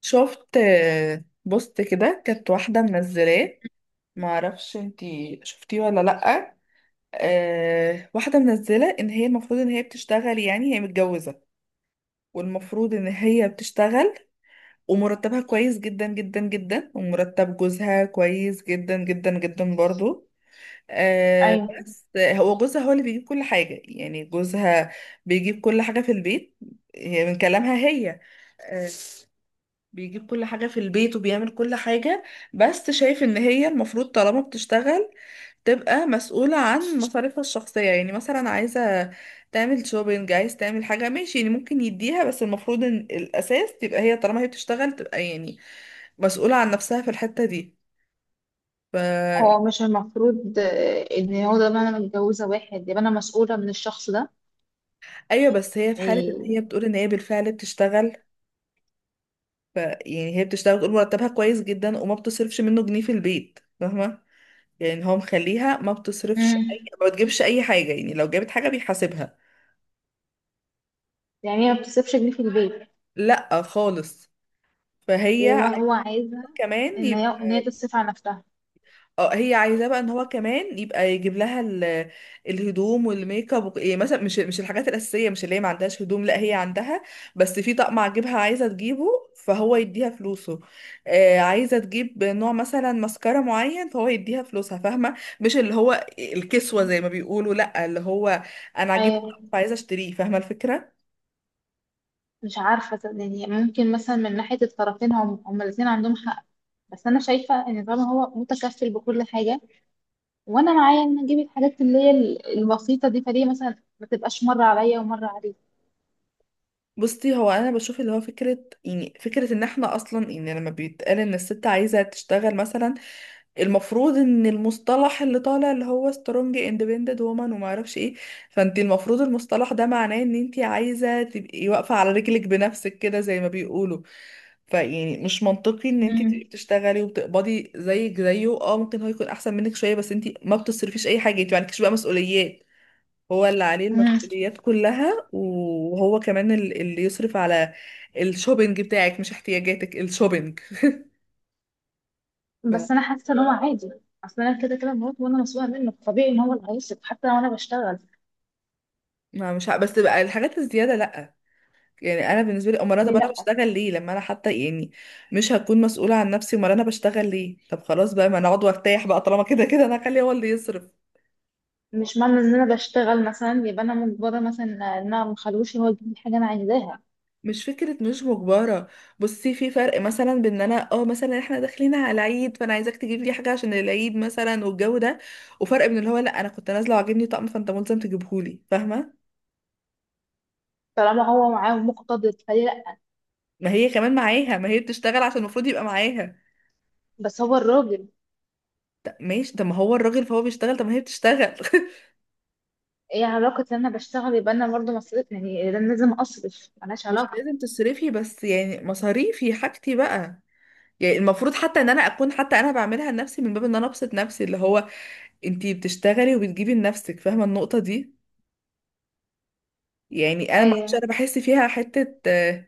شفت بوست كده كانت واحدة منزلاه. معرفش انتي شفتيه ولا لأ. واحدة منزلة ان هي المفروض ان هي بتشتغل، يعني هي متجوزة والمفروض ان هي بتشتغل، ومرتبها كويس جدا جدا جدا، ومرتب جوزها كويس جدا جدا جدا برضو. ايوه. بس هو جوزها هو اللي بيجيب كل حاجة، يعني جوزها بيجيب كل حاجة في البيت، هي من كلامها هي. آه، بيجيب كل حاجة في البيت وبيعمل كل حاجة. بس شايف ان هي المفروض طالما بتشتغل تبقى مسؤولة عن مصاريفها الشخصية. يعني مثلا عايزة تعمل شوبينج، عايز تعمل حاجة، ماشي، يعني ممكن يديها، بس المفروض ان الأساس تبقى هي، طالما هي بتشتغل تبقى يعني مسؤولة عن نفسها في الحتة دي. ف... هو مش المفروض ان هو ده انا متجوزه واحد يبقى انا مسؤوله من الشخص ده؟ ايوه بس هي في حالة ان هي يعني بتقول ان هي بالفعل بتشتغل. ف... يعني هي بتشتغل، بتقول مرتبها كويس جدا وما بتصرفش منه جنيه في البيت. فاهمة؟ يعني هو مخليها ما بتصرفش اي، امم ما بتجيبش اي حاجه، يعني لو جابت حاجه بيحاسبها. يعني هي ما بتصرفش جنيه في البيت، لا خالص. فهي وما عايزه هو عايزها كمان ان هي يبقى، ان هي تصرف على نفسها. اه هي عايزاه بقى ان هو كمان يبقى يجيب لها الهدوم والميك اب يعني مثلا مش الحاجات الاساسيه، مش اللي هي ما عندهاش هدوم، لا هي عندها، بس في طقم عاجبها عايزه تجيبه فهو يديها فلوسه. آه عايزه تجيب نوع مثلا ماسكارا معين فهو يديها فلوسها. فاهمه؟ مش اللي هو الكسوه زي ما بيقولوا، لا اللي هو انا عاجبني ايوه، فعايزه اشتريه. فاهمه الفكره؟ مش عارفه، يعني ممكن مثلا من ناحيه الطرفين هم الاثنين عندهم حق، بس انا شايفه ان طالما هو متكفل بكل حاجه وانا معايا ان اجيب الحاجات اللي هي البسيطه دي، فليه مثلا ما تبقاش مره عليا ومره عليه؟ بصي، هو انا بشوف اللي هو فكره، يعني فكره ان احنا اصلا، يعني لما بيتقال ان الست عايزه تشتغل مثلا، المفروض ان المصطلح اللي طالع اللي هو سترونج اندبندنت وومن وما اعرفش ايه، فانت المفروض المصطلح ده معناه ان انت عايزه تبقي واقفه على رجلك بنفسك كده زي ما بيقولوا. فيعني مش منطقي ان انت تبقي بتشتغلي وبتقبضي زيك زيه، اه ممكن هو يكون احسن منك شويه، بس انت ما بتصرفيش اي حاجه، انت ما عندكيش بقى مسؤوليات، هو اللي عليه امم المسؤوليات كلها وهو كمان اللي يصرف على الشوبينج بتاعك، مش احتياجاتك، الشوبينج. ف- بس انا حاسه ان هو عادي. اصل انا كده كده بموت وانا مسؤوله منه، طبيعي ان هو اللي هيصرف حتى لو انا بشتغل. ما مش ع- بس بقى الحاجات الزيادة لأ. يعني انا بالنسبه لي، امال انا، ليه طب انا لا؟ بشتغل ليه لما انا حتى، يعني مش هكون مسؤوله عن نفسي؟ امال انا بشتغل ليه؟ طب خلاص بقى ما انا اقعد وارتاح بقى، طالما كده كده انا هخليه هو اللي يصرف. مش معنى ان انا بشتغل مثلا يبقى انا مجبره مثلا ان انا مخلوش هو يجيب لي حاجه انا عايزاها. مش فكرة مش مجبرة. بصي في فرق مثلا بين ان انا اه مثلا احنا داخلين على العيد فانا عايزاك تجيب لي حاجة عشان العيد مثلا والجو ده، وفرق من اللي هو لا انا كنت نازلة وعاجبني طقم فانت ملزم تجيبهولي. فاهمة؟ طالما هو معاه مقتدر، فليه لا؟ ما هي كمان معاها، ما هي بتشتغل، عشان المفروض يبقى معاها. بس هو الراجل. طب ماشي، طب ما هو الراجل فهو بيشتغل، طب ما هي بتشتغل. ايه علاقه ان انا بشتغل يبقى انا برضه مصرف؟ يعني انا لازم اصرف؟ ملهاش مش علاقه. لازم تصرفي، بس يعني مصاريفي حاجتي بقى. يعني المفروض حتى ان انا اكون، حتى انا بعملها لنفسي من باب ان انا ابسط نفسي، اللي هو انتي بتشتغلي وبتجيبي لنفسك. فاهمة النقطة دي؟ يعني انا ما اعرفش، ايوه. انا بحس فيها حته،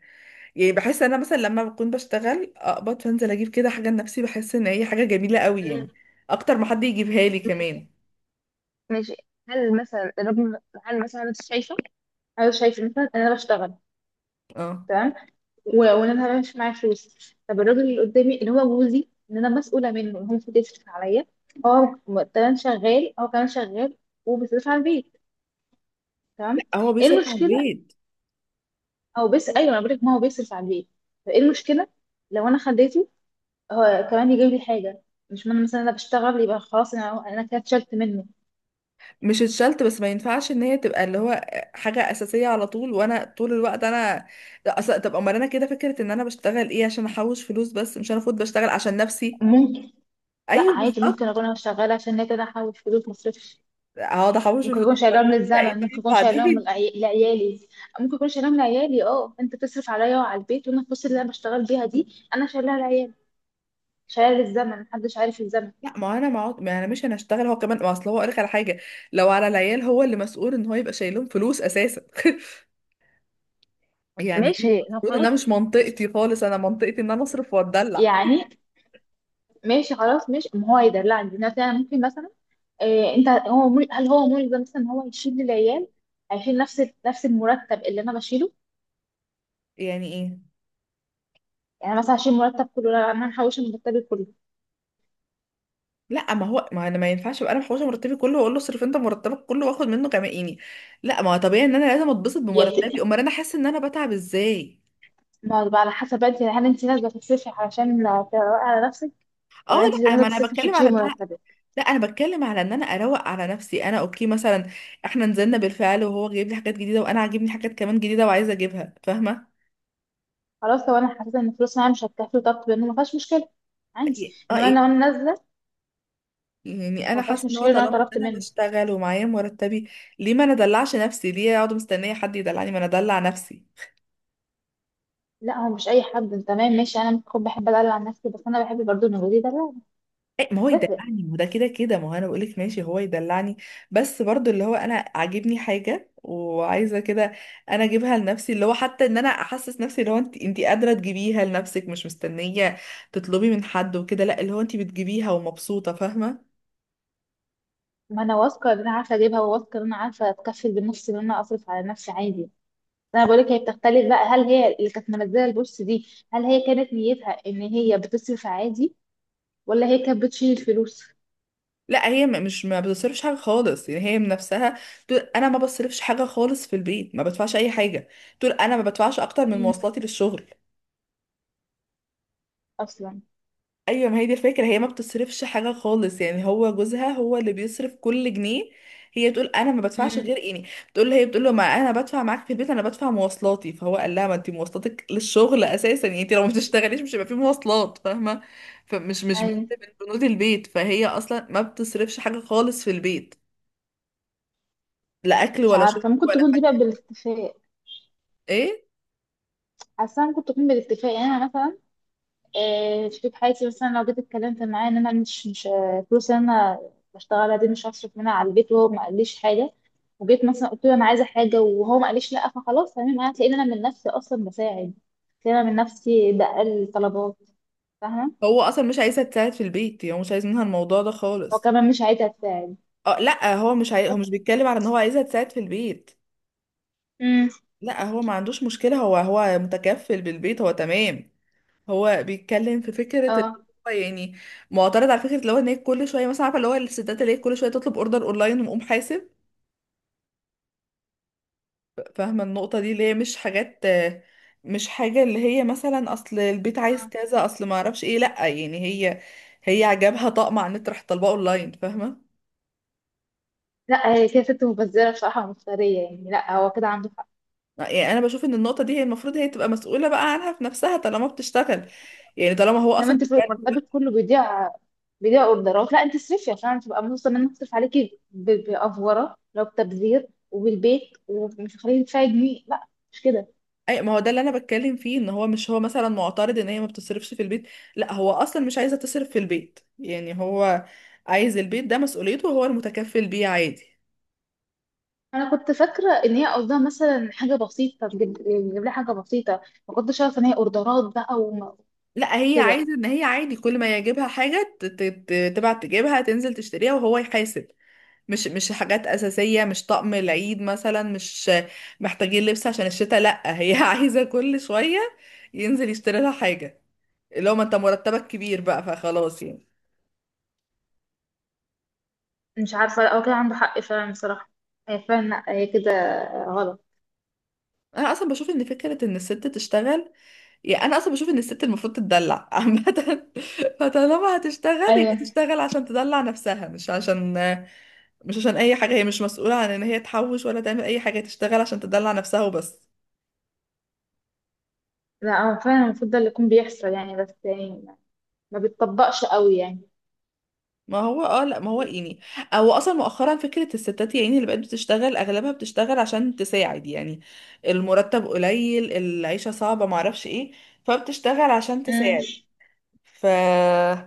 يعني بحس انا مثلا لما بكون بشتغل اقبض فانزل اجيب كده حاجه لنفسي، بحس ان هي حاجه جميله قوي، مم. يعني اكتر ما حد يجيبها لي ماشي. كمان. ماشي. هل مثلا الراجل، هل مثلا انت شايفه انا شايفه مثلا ان انا بشتغل، اه، تمام، وان انا مش معايا فلوس، طب الراجل اللي قدامي اللي هو جوزي ان انا مسؤوله منه إن هو المفروض يصرف عليا. هو كمان شغال، هو كمان شغال وبيصرف على البيت، لا تمام. هو ايه بيصرف على المشكله؟ البيت. او بس ايوه انا بقول لك ما هو بيصرف على البيت، فايه المشكله لو انا خديته هو كمان يجيب لي حاجه؟ مش من مثلا انا بشتغل يبقى خلاص انا كده اتشلت منه. مش اتشلت، بس ما ينفعش ان هي تبقى اللي هو حاجه اساسيه على طول، وانا طول الوقت انا، لا، أصل طب امال انا كده فكره ان انا بشتغل ايه؟ عشان احوش فلوس؟ بس مش انا المفروض بشتغل عشان نفسي؟ ممكن. لا ايوه عادي، ممكن بالظبط. اكون انا شغاله عشان هي كده احوش فلوس مصرفش. هقعد احوش في ممكن يكون الفطار. شايلهم ايه للزمن، ممكن طيب يكون شايلهم بعدين. لعيالي، ممكن يكون شايلهم لعيالي. اه انت بتصرف عليا وعلى البيت، وانا الفلوس اللي انا بشتغل بيها دي انا شايلها لعيالي، شايلها للزمن، محدش عارف الزمن. لا ما انا مش هنشتغل هو كمان، ما اصل هو اقول لك على حاجه، لو على العيال هو اللي مسؤول ان هو يبقى شايلهم فلوس اساسا. يعني دي ماشي لو المفروض خلاص. انها مش منطقتي خالص، انا منطقتي ان انا اصرف واتدلع. يعني ماشي، خلاص ماشي. ما هو يدلعني دلوقتي، انا ممكن مثلا. إيه انت، هل هو ملزم مثلا ان هو يشيل للعيال؟ هيشيل نفس نفس المرتب اللي انا بشيله؟ يعني ايه؟ يعني مثلا هشيل مرتب كله؟ لا انا محوشه مرتبي كله. لا ما هو ما انا ما ينفعش ابقى انا محوشه مرتبي كله واقول له اصرف انت مرتبك كله واخد منه كمان، يعني لا ما هو طبيعي ان انا لازم اتبسط يعني بمرتبي، امال انا حاسه ان انا بتعب ازاي؟ ما بقى على حسب انت، هل انت نازله تصرفي علشان تروقي على نفسك، اه، ولا انت لا نازله ما انا تصرفي عشان بتكلم على تشيلي إن، مرتبك؟ لا انا بتكلم على ان انا اروق على نفسي. انا اوكي مثلا، احنا نزلنا بالفعل وهو جايب لي حاجات جديده، وانا عاجبني حاجات كمان جديده وعايزه اجيبها. فاهمه؟ خلاص، لو انا حسيت ان الفلوس معايا مش هتكفي وطلبت منه ما فيهاش مشكله عندي. انما لو انا ايه. وانا نازله، يعني انا ما حاسه فيهاش ان هو مشكله ان انا طالما إن طلبت انا منه. بشتغل ومعايا مرتبي، ليه ما انا ادلعش نفسي؟ ليه اقعد مستنيه حد يدلعني؟ ما انا ادلع نفسي. لا هو مش اي حد، انت تمام ماشي، انا ممكن بحب ادلع عن نفسي، بس انا بحب برضه نجودي ده، لا ما هو تفرق. يدلعني، ما هو ده كده كده، ما هو انا بقولك ماشي هو يدلعني، بس برضو اللي هو انا عاجبني حاجة وعايزة كده، انا اجيبها لنفسي، اللي هو حتى ان انا احسس نفسي اللي هو انت انت قادرة تجيبيها لنفسك، مش مستنية تطلبي من حد وكده. لا اللي هو انت بتجيبيها ومبسوطة. فاهمة؟ ما انا واثقه ان انا عارفه اجيبها، وواثقه ان انا عارفه اتكفل بنفسي، ان انا اصرف على نفسي عادي. انا بقولك هي بتختلف بقى، هل هي اللي كانت منزله البوست دي؟ هل هي كانت نيتها ان هي بتصرف عادي، ولا هي كانت بتشيل الفلوس؟ لا هي م- مش ما بتصرفش حاجة خالص، يعني هي من نفسها تقول انا ما بصرفش حاجة خالص في البيت، ما بدفعش اي حاجة. تقول انا ما بدفعش اكتر من مم. مواصلاتي للشغل. اصلا. ايوه ما هي دي الفكره، هي ما بتصرفش حاجه خالص، يعني هو جوزها هو اللي بيصرف كل جنيه. هي تقول انا ما بدفعش مم. غير يعني، بتقول، هي بتقول له ما انا بدفع معاك في البيت، انا بدفع مواصلاتي، فهو قال لها ما انت مواصلاتك للشغل اساسا، يعني انت لو ما بتشتغليش مش هيبقى في مواصلات. فاهمه؟ فمش مش بند ايوه. من بنود البيت، فهي اصلا ما بتصرفش حاجه خالص في البيت، لا اكل مش ولا شرب عارفه، ممكن ولا تكون دي بقى حاجه. بالاتفاق. ايه حاسه ممكن تكون بالاتفاق. يعني انا مثلا شريك حياتي مثلا لو جيت اتكلمت معاه ان انا مش فلوس اللي انا بشتغلها دي مش هصرف منها على البيت، وهو ما قاليش حاجه، وجيت مثلا قلت له انا عايزه حاجه وهو ما قاليش لا، فخلاص تمام، انا هتلاقيني انا من نفسي اصلا بساعد، هتلاقيني انا من نفسي بقل طلبات، فاهمه؟ هو اصلا مش عايزها تساعد في البيت، يعني هو مش عايز منها الموضوع ده هو خالص. كمان مش عايزه تساعد. اه لا هو مش عاي... هو طب- مش بيتكلم على ان هو عايزها تساعد في البيت، مم. لا هو ما عندوش مشكلة، هو هو متكفل بالبيت، هو تمام. هو بيتكلم في فكرة اللي اه هو يعني معترض على فكرة اللي هو ان هي كل شوية، مثلا عارفة اللي هو الستات اللي هي كل شوية تطلب اوردر اونلاين ومقوم حاسب. فاهمة النقطة دي؟ اللي هي مش حاجة اللي هي مثلا اصل البيت عايز كذا، اصل ما اعرفش ايه، لا يعني هي، هي عجبها طقم على النت راح طالباه اونلاين. فاهمة؟ لا هي كده ست مبذره بصراحه ومفتريه، يعني لا هو كده عنده حق. يعني انا بشوف ان النقطة دي هي المفروض هي تبقى مسؤولة بقى عنها في نفسها طالما بتشتغل، يعني طالما هو انما اصلا انت في بيتكلم. مرتبك كله بيضيع، بيضيع اوردرات؟ لا انت اصرفي عشان تبقى مبسوطه، ان انا هصرف عليكي بافوره لو بتبذير وبالبيت، ومش هخليكي تدفعي جنيه، لا مش كده. اي ما هو ده اللي انا بتكلم فيه، ان هو مش هو مثلا معترض ان هي ما بتصرفش في البيت، لا هو اصلا مش عايزه تصرف في البيت، يعني هو عايز البيت ده مسؤوليته وهو المتكفل بيه عادي. انا كنت فاكره ان هي قصدها مثلا حاجه بسيطه، تجيب لها حاجه بسيطه. ما كنتش عارفه ان هي اوردرات بقى لا هي وكده. عايزه ان هي عادي كل ما يجيبها حاجه تبعت تجيبها، تنزل تشتريها وهو يحاسب. مش حاجات اساسيه، مش طقم العيد مثلا، مش محتاجين لبس عشان الشتاء، لا هي عايزه كل شويه ينزل يشتري لها حاجه، اللي هو ما انت مرتبك كبير بقى فخلاص يعني. مش عارفه، لا هو كده عنده حق فعلا بصراحه. هي فعلا لا، هي كده غلط. انا اصلا بشوف ان فكره ان الست تشتغل، يعني انا اصلا بشوف ان الست المفروض تتدلع عامه، فطالما هتشتغل يبقى ايوه تشتغل عشان تدلع نفسها، مش عشان اي حاجه، هي مش مسؤوله عن ان هي تحوش ولا تعمل اي حاجه، هي تشتغل عشان تدلع نفسها وبس. لا هو فعلا المفروض ده اللي يكون بيحصل، يعني بس يعني ما بتطبقش قوي، يعني. ما هو يعني او اصلا مؤخرا فكره الستات، يعني اللي بقت بتشتغل اغلبها بتشتغل عشان تساعد، يعني المرتب قليل، العيشه صعبه، معرفش ايه، فبتشتغل عشان امم تساعد. ف،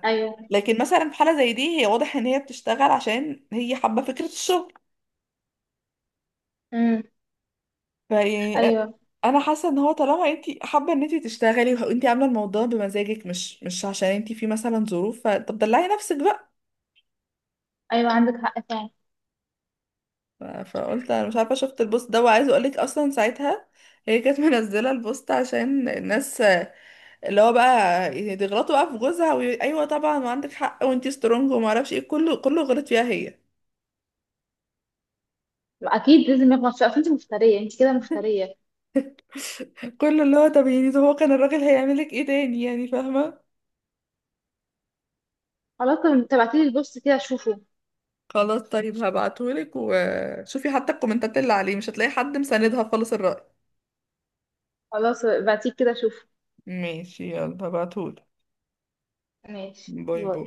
ايوه. لكن مثلا في حالة زي دي هي واضح ان هي بتشتغل عشان هي حابة فكرة الشغل، امم فيعني ايوه. انا حاسة ان هو طالما انت حابة ان انت تشتغلي وانت عاملة الموضوع بمزاجك، مش عشان انت في مثلا ظروف، فطب دلعي نفسك بقى. ايوه عندك حق فعلا. فقلت انا مش عارفة شفت البوست ده وعايزة اقولك، اصلا ساعتها هي كانت منزلة البوست عشان الناس اللي هو بقى يغلطوا بقى في جوزها ايوه طبعا وعندك حق وانت سترونج وما اعرفش ايه، كله غلط فيها هي. اكيد لازم يخلص شويه. اصل انت مفتريه، انت كده مفتريه. كله اللي هو، طب يعني هو كان الراجل هيعملك ايه تاني؟ يعني فاهمة؟ خلاص طب تبعتيلي البوست كده اشوفه. خلاص طيب هبعتهولك، وشوفي حتى الكومنتات اللي عليه مش هتلاقي حد مساندها خالص الرأي. خلاص بعتيه كده اشوفه. ماشي يلا هبعتهولك. ماشي. باي باي.